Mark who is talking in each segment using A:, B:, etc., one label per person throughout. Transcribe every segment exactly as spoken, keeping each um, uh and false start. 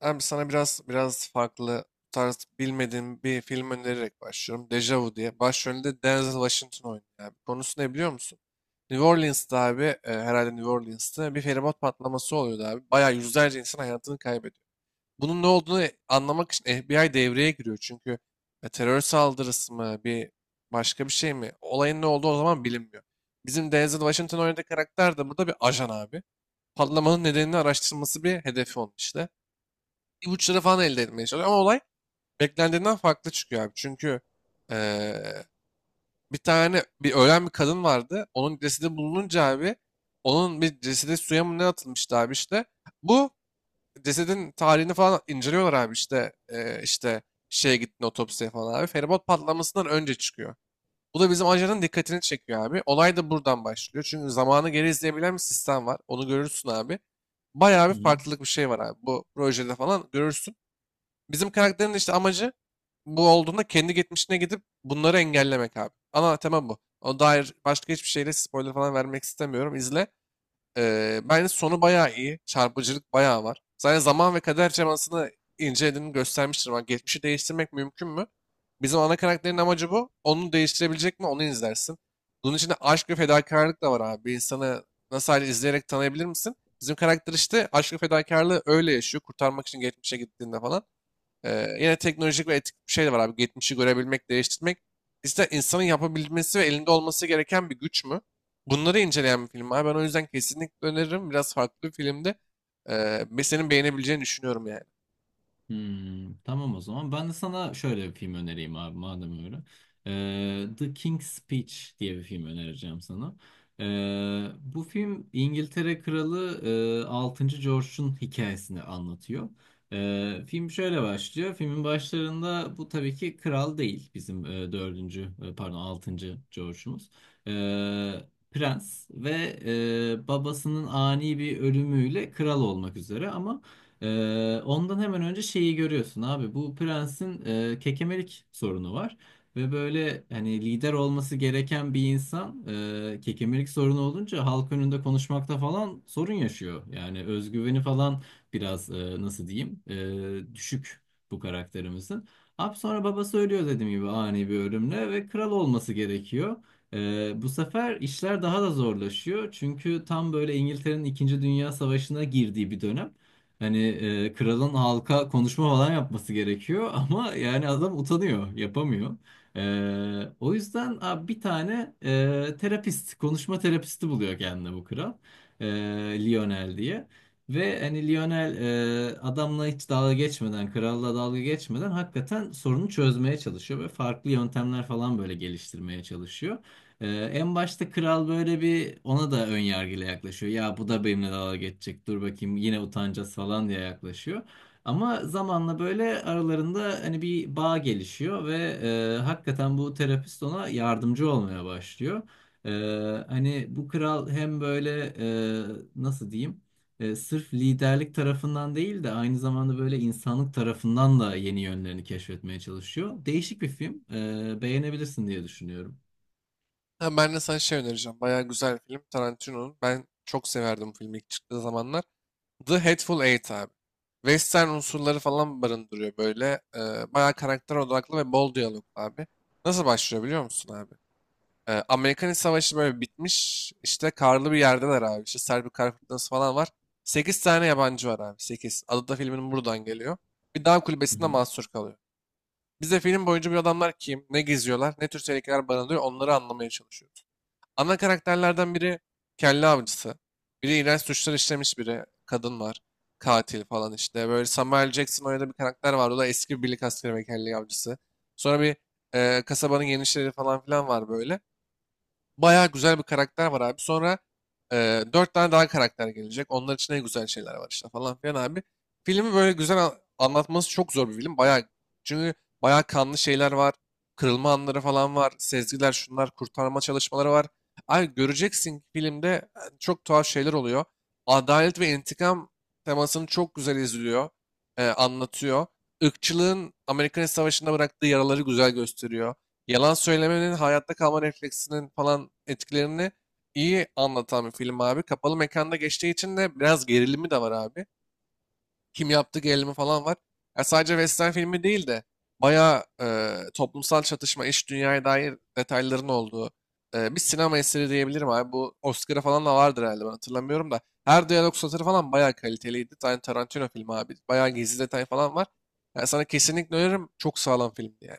A: Hem sana biraz biraz farklı bu tarz bilmediğim bir film önererek başlıyorum. Deja Vu diye. Başrolünde Denzel Washington oynuyor abi. Konusu ne biliyor musun? New Orleans'ta abi, e, herhalde New Orleans'ta bir feribot patlaması oluyordu abi. Bayağı yüzlerce insan hayatını kaybediyor. Bunun ne olduğunu e- anlamak için F B I devreye giriyor. Çünkü e, terör saldırısı mı, bir başka bir şey mi? Olayın ne olduğu o zaman bilinmiyor. Bizim Denzel Washington oynadığı karakter de burada bir ajan abi. Patlamanın nedenini araştırması bir hedefi onun işte ipuçları falan elde etmeye çalışıyor. Ama olay beklendiğinden farklı çıkıyor abi. Çünkü eee, bir tane bir ölen bir kadın vardı. Onun cesedi bulununca abi onun bir cesedi suya mı ne atılmıştı abi işte. Bu cesedin tarihini falan inceliyorlar abi işte eee, işte şeye gittin otopsiye falan abi. Feribot patlamasından önce çıkıyor. Bu da bizim ajanın dikkatini çekiyor abi. Olay da buradan başlıyor. Çünkü zamanı geri izleyebilen bir sistem var. Onu görürsün abi. Bayağı bir
B: Hı hı.
A: farklılık bir şey var abi. Bu projede falan görürsün. Bizim karakterin işte amacı bu olduğunda kendi geçmişine gidip bunları engellemek abi. Ana tema bu. O dair başka hiçbir şeyle spoiler falan vermek istemiyorum. İzle. Ee, bence sonu bayağı iyi. Çarpıcılık bayağı var. Zaten zaman ve kader cemasını incelediğini göstermiştir. Ama geçmişi değiştirmek mümkün mü? Bizim ana karakterin amacı bu. Onu değiştirebilecek mi? Onu izlersin. Bunun içinde aşk ve fedakarlık da var abi. Bir insanı nasıl hali izleyerek tanıyabilir misin? Bizim karakter işte aşk ve fedakarlığı öyle yaşıyor. Kurtarmak için geçmişe gittiğinde falan. Ee, yine teknolojik ve etik bir şey de var abi. Geçmişi görebilmek, değiştirmek. İşte insanın yapabilmesi ve elinde olması gereken bir güç mü? Bunları inceleyen bir film abi. Ben o yüzden kesinlikle öneririm. Biraz farklı bir filmde. Ee, ve senin beğenebileceğini düşünüyorum yani.
B: Hmm, tamam o zaman, ben de sana şöyle bir film önereyim abi madem öyle. Ee, The King's Speech diye bir film önereceğim sana. Ee, bu film İngiltere Kralı e, altıncı. George'un hikayesini anlatıyor. Ee, film şöyle başlıyor. Filmin başlarında bu tabii ki kral değil bizim e, dördüncü e, pardon altıncı George'umuz. Ee, Prens ve e, babasının ani bir ölümüyle kral olmak üzere ama Ee, ondan hemen önce şeyi görüyorsun abi. Bu prensin e, kekemelik sorunu var. Ve böyle hani lider olması gereken bir insan e, kekemelik sorunu olunca halk önünde konuşmakta falan sorun yaşıyor. Yani özgüveni falan biraz e, nasıl diyeyim e, düşük bu karakterimizin. Abi sonra babası ölüyor dediğim gibi ani bir ölümle ve kral olması gerekiyor. Ee, bu sefer işler daha da zorlaşıyor. Çünkü tam böyle İngiltere'nin İkinci Dünya Savaşı'na girdiği bir dönem. Hani e, kralın halka konuşma falan yapması gerekiyor ama yani adam utanıyor, yapamıyor. E, o yüzden abi bir tane e, terapist, konuşma terapisti buluyor kendine bu kral. E, Lionel diye. Ve hani Lionel e, adamla hiç dalga geçmeden, kralla dalga geçmeden hakikaten sorunu çözmeye çalışıyor ve farklı yöntemler falan böyle geliştirmeye çalışıyor. Ee, En başta kral böyle bir ona da ön yargıyla yaklaşıyor. Ya bu da benimle dalga geçecek. Dur bakayım yine utanacağız falan diye yaklaşıyor. Ama zamanla böyle aralarında hani bir bağ gelişiyor ve e, hakikaten bu terapist ona yardımcı olmaya başlıyor. Ee, Hani bu kral hem böyle e, nasıl diyeyim? E, sırf liderlik tarafından değil de aynı zamanda böyle insanlık tarafından da yeni yönlerini keşfetmeye çalışıyor. Değişik bir film. Ee, beğenebilirsin diye düşünüyorum.
A: Ha, ben de sana şey önereceğim. Bayağı güzel bir film. Tarantino'nun. Ben çok severdim bu filmi ilk çıktığı zamanlar. The Hateful Eight abi. Western unsurları falan barındırıyor böyle. Ee, bayağı karakter odaklı ve bol diyalog abi. Nasıl başlıyor biliyor musun abi? Ee, Amerikan İç Savaşı böyle bitmiş. İşte karlı bir yerdeler abi. İşte Serbi kar fırtınası falan var. Sekiz tane yabancı var abi. Sekiz. Adı da filmin buradan geliyor. Bir dağ kulübesinde mahsur kalıyor. Biz de film boyunca bu adamlar kim, ne geziyorlar, ne tür tehlikeler barındırıyor onları anlamaya çalışıyoruz. Ana karakterlerden biri kelle avcısı. Biri iğrenç suçlar işlemiş biri. Kadın var. Katil falan işte. Böyle Samuel Jackson oynadığı bir karakter var. O da eski bir birlik askeri ve kelle avcısı. Sonra bir e, kasabanın genişleri falan filan var böyle. Bayağı güzel bir karakter var abi. Sonra e, dört tane daha karakter gelecek. Onlar için en güzel şeyler var işte falan filan abi. Filmi böyle güzel an- anlatması çok zor bir film. Bayağı çünkü bayağı kanlı şeyler var. Kırılma anları falan var. Sezgiler şunlar kurtarma çalışmaları var. Abi göreceksin ki filmde e, çok tuhaf şeyler oluyor. Adalet ve intikam temasını çok güzel izliyor. E, anlatıyor. Irkçılığın Amerikan Savaşı'nda bıraktığı yaraları güzel gösteriyor. Yalan söylemenin hayatta kalma refleksinin falan etkilerini iyi anlatan bir film abi. Kapalı mekanda geçtiği için de biraz gerilimi de var abi. Kim yaptı gerilimi falan var. Ya sadece western filmi değil de bayağı e, toplumsal çatışma, iş dünyaya dair detayların olduğu e, bir sinema eseri diyebilirim abi. Bu Oscar'a falan da vardır herhalde, ben hatırlamıyorum da. Her diyalog satırı falan bayağı kaliteliydi. Tar- Tarantino filmi abi. Bayağı gizli detay falan var. Yani sana kesinlikle öneririm. Çok sağlam filmdi yani.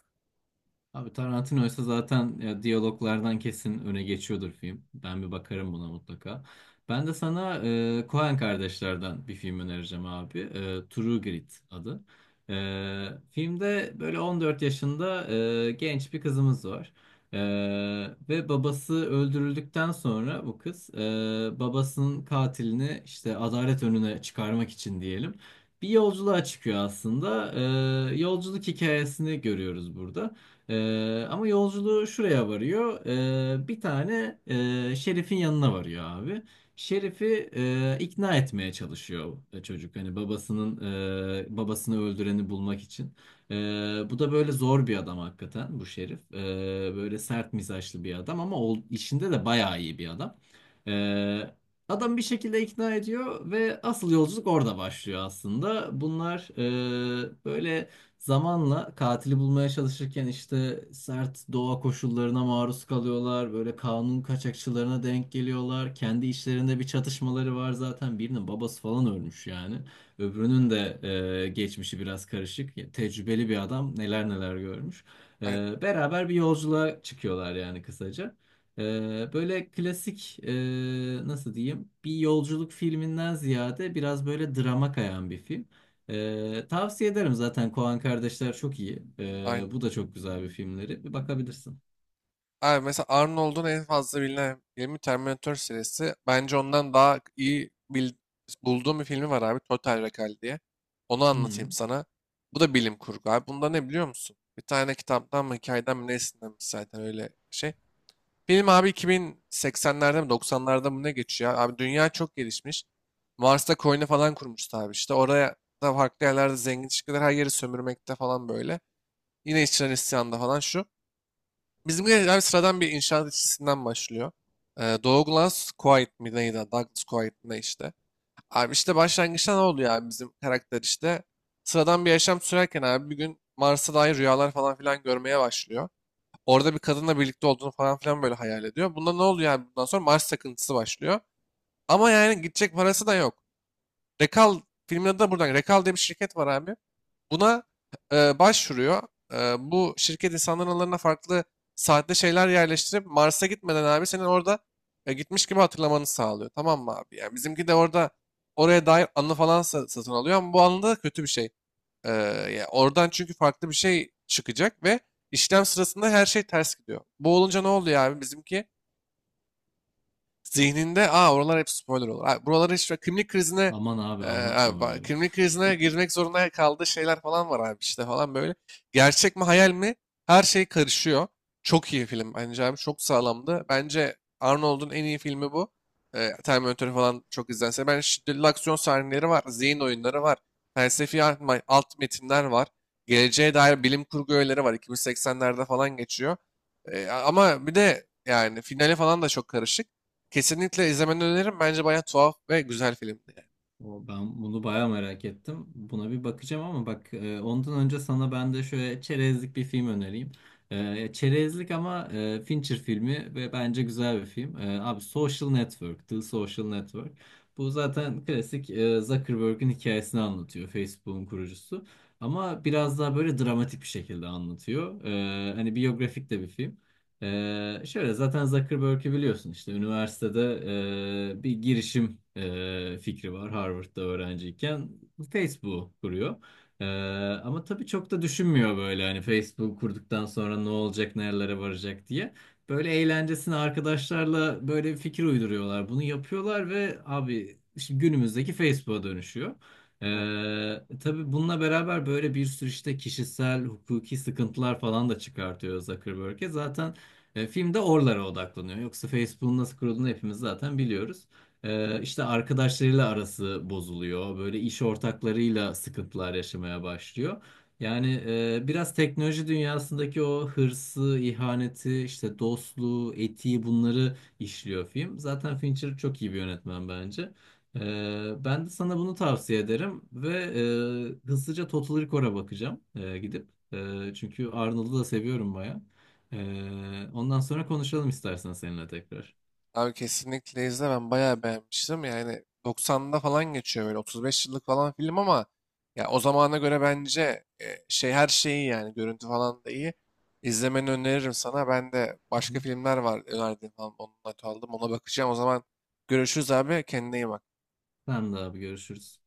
B: Abi Tarantino ise zaten ya, diyaloglardan kesin öne geçiyordur film. Ben bir bakarım buna mutlaka. Ben de sana e, Coen kardeşlerden bir film önereceğim abi. E, True Grit adı. E, filmde böyle on dört yaşında e, genç bir kızımız var. E, Ve babası öldürüldükten sonra bu kız e, babasının katilini işte adalet önüne çıkarmak için diyelim. Bir yolculuğa çıkıyor aslında. E, yolculuk hikayesini görüyoruz burada. Ee, ama yolculuğu şuraya varıyor. Ee, bir tane e, Şerif'in yanına varıyor abi. Şerif'i e, ikna etmeye çalışıyor e, çocuk. Hani babasının e, babasını öldüreni bulmak için. Ee, Bu da böyle zor bir adam hakikaten bu Şerif. Ee, böyle sert mizaçlı bir adam ama o, işinde de bayağı iyi bir adam. Ee, Adam bir şekilde ikna ediyor ve asıl yolculuk orada başlıyor aslında. Bunlar e, böyle zamanla katili bulmaya çalışırken işte sert doğa koşullarına maruz kalıyorlar. Böyle kanun kaçakçılarına denk geliyorlar. Kendi içlerinde bir çatışmaları var zaten. Birinin babası falan ölmüş yani. Öbürünün de e, geçmişi biraz karışık. Ya, tecrübeli bir adam neler neler görmüş. E,
A: Aynen.
B: Beraber bir yolculuğa çıkıyorlar yani kısaca. E, Böyle klasik e, nasıl diyeyim bir yolculuk filminden ziyade biraz böyle drama kayan bir film. Ee, tavsiye ederim zaten Koen kardeşler çok iyi. Ee,
A: Aynen.
B: bu da çok güzel bir filmleri. Bir bakabilirsin.
A: Abi mesela Arnold'un en fazla bilinen filmi Terminator serisi. Bence ondan daha iyi bil- bulduğum bir filmi var abi. Total Recall diye. Onu
B: Hı.
A: anlatayım sana. Bu da bilim kurgu abi. Bunda ne biliyor musun? Bir tane kitaptan mı hikayeden mi nesinden mi zaten öyle şey. Film abi iki bin seksenlerde mi doksanlarda mı ne geçiyor? Abi dünya çok gelişmiş. Mars'ta koloni falan kurmuştu abi işte. Oraya da farklı yerlerde zengin çıkıyorlar. Her yeri sömürmekte falan böyle. Yine işçiler isyanda falan şu. Bizimki abi sıradan bir inşaat işçisinden başlıyor. Ee, Douglas Coit mi neydi? Douglas Coit ne işte. Abi işte başlangıçta ne oluyor abi bizim karakter işte. Sıradan bir yaşam sürerken abi bir gün Mars'a dair rüyalar falan filan görmeye başlıyor. Orada bir kadınla birlikte olduğunu falan filan böyle hayal ediyor. Bunda ne oluyor abi bundan sonra Mars takıntısı başlıyor. Ama yani gidecek parası da yok. Rekal filmin adı da buradan. Rekal diye bir şirket var abi. Buna e, başvuruyor. E, Bu şirket insanların aralarına farklı saatte şeyler yerleştirip Mars'a gitmeden abi senin orada e, gitmiş gibi hatırlamanı sağlıyor. Tamam mı abi? Yani bizimki de orada oraya dair anı falan sa- satın alıyor ama bu anında da kötü bir şey. E, Ya oradan çünkü farklı bir şey çıkacak ve işlem sırasında her şey ters gidiyor. Bu olunca ne oluyor abi? Bizimki zihninde aa oralar hep spoiler olur. Aa, buraları işte kimlik krizine
B: Aman
A: e,
B: abi
A: abi
B: anlatma
A: bak,
B: öyle.
A: kimlik krizine girmek zorunda kaldığı şeyler falan var abi işte falan böyle. Gerçek mi hayal mi? Her şey karışıyor. Çok iyi film bence abi. Çok sağlamdı. Bence Arnold'un en iyi filmi bu. E, Terminator falan çok izlense. Ben şiddetli aksiyon sahneleri var. Zihin oyunları var. Felsefi alt ma- alt metinler var. Geleceğe dair bilim kurgu öğeleri var. iki bin seksenlerde falan geçiyor. E, ama bir de yani finale falan da çok karışık. Kesinlikle izlemeni öneririm. Bence bayağı tuhaf ve güzel filmdi yani.
B: O, ben bunu bayağı merak ettim. Buna bir bakacağım ama bak e, ondan önce sana ben de şöyle çerezlik bir film önereyim. E, çerezlik ama e, Fincher filmi ve bence güzel bir film. E, abi Social Network, The Social Network. Bu zaten klasik e, Zuckerberg'in hikayesini anlatıyor. Facebook'un kurucusu. Ama biraz daha böyle dramatik bir şekilde anlatıyor. E, hani biyografik de bir film. Ee, şöyle zaten Zuckerberg'i biliyorsun işte üniversitede e, bir girişim e, fikri var Harvard'da öğrenciyken Facebook'u kuruyor. Ee, Ama tabii çok da düşünmüyor böyle hani Facebook kurduktan sonra ne olacak nerelere varacak diye. Böyle eğlencesine arkadaşlarla böyle bir fikir uyduruyorlar. Bunu yapıyorlar ve abi şimdi günümüzdeki Facebook'a dönüşüyor.
A: Hı.
B: Ee, tabii bununla beraber böyle bir sürü işte kişisel, hukuki sıkıntılar falan da çıkartıyor Zuckerberg'e. Zaten e, film de oralara odaklanıyor. Yoksa Facebook'un nasıl kurulduğunu hepimiz zaten biliyoruz. E, işte arkadaşlarıyla arası bozuluyor. Böyle iş ortaklarıyla sıkıntılar yaşamaya başlıyor. Yani e, biraz teknoloji dünyasındaki o hırsı, ihaneti, işte dostluğu, etiği bunları işliyor film. Zaten Fincher çok iyi bir yönetmen bence. E, Ben de sana bunu tavsiye ederim ve e, hızlıca Total Recall'a bakacağım e, gidip. E, çünkü Arnold'u da seviyorum baya. Ee, ondan sonra konuşalım istersen seninle tekrar.
A: Abi kesinlikle izle. Ben bayağı beğenmiştim. Yani doksanda falan geçiyor böyle otuz beş yıllık falan film ama ya o zamana göre bence e, şey her şeyi yani görüntü falan da iyi. İzlemeni öneririm sana. Ben de
B: Hı
A: başka
B: hı.
A: filmler var önerdiğim falan. Onunla not aldım. Ona bakacağım. O zaman görüşürüz abi. Kendine iyi bak.
B: Tamam da abi görüşürüz.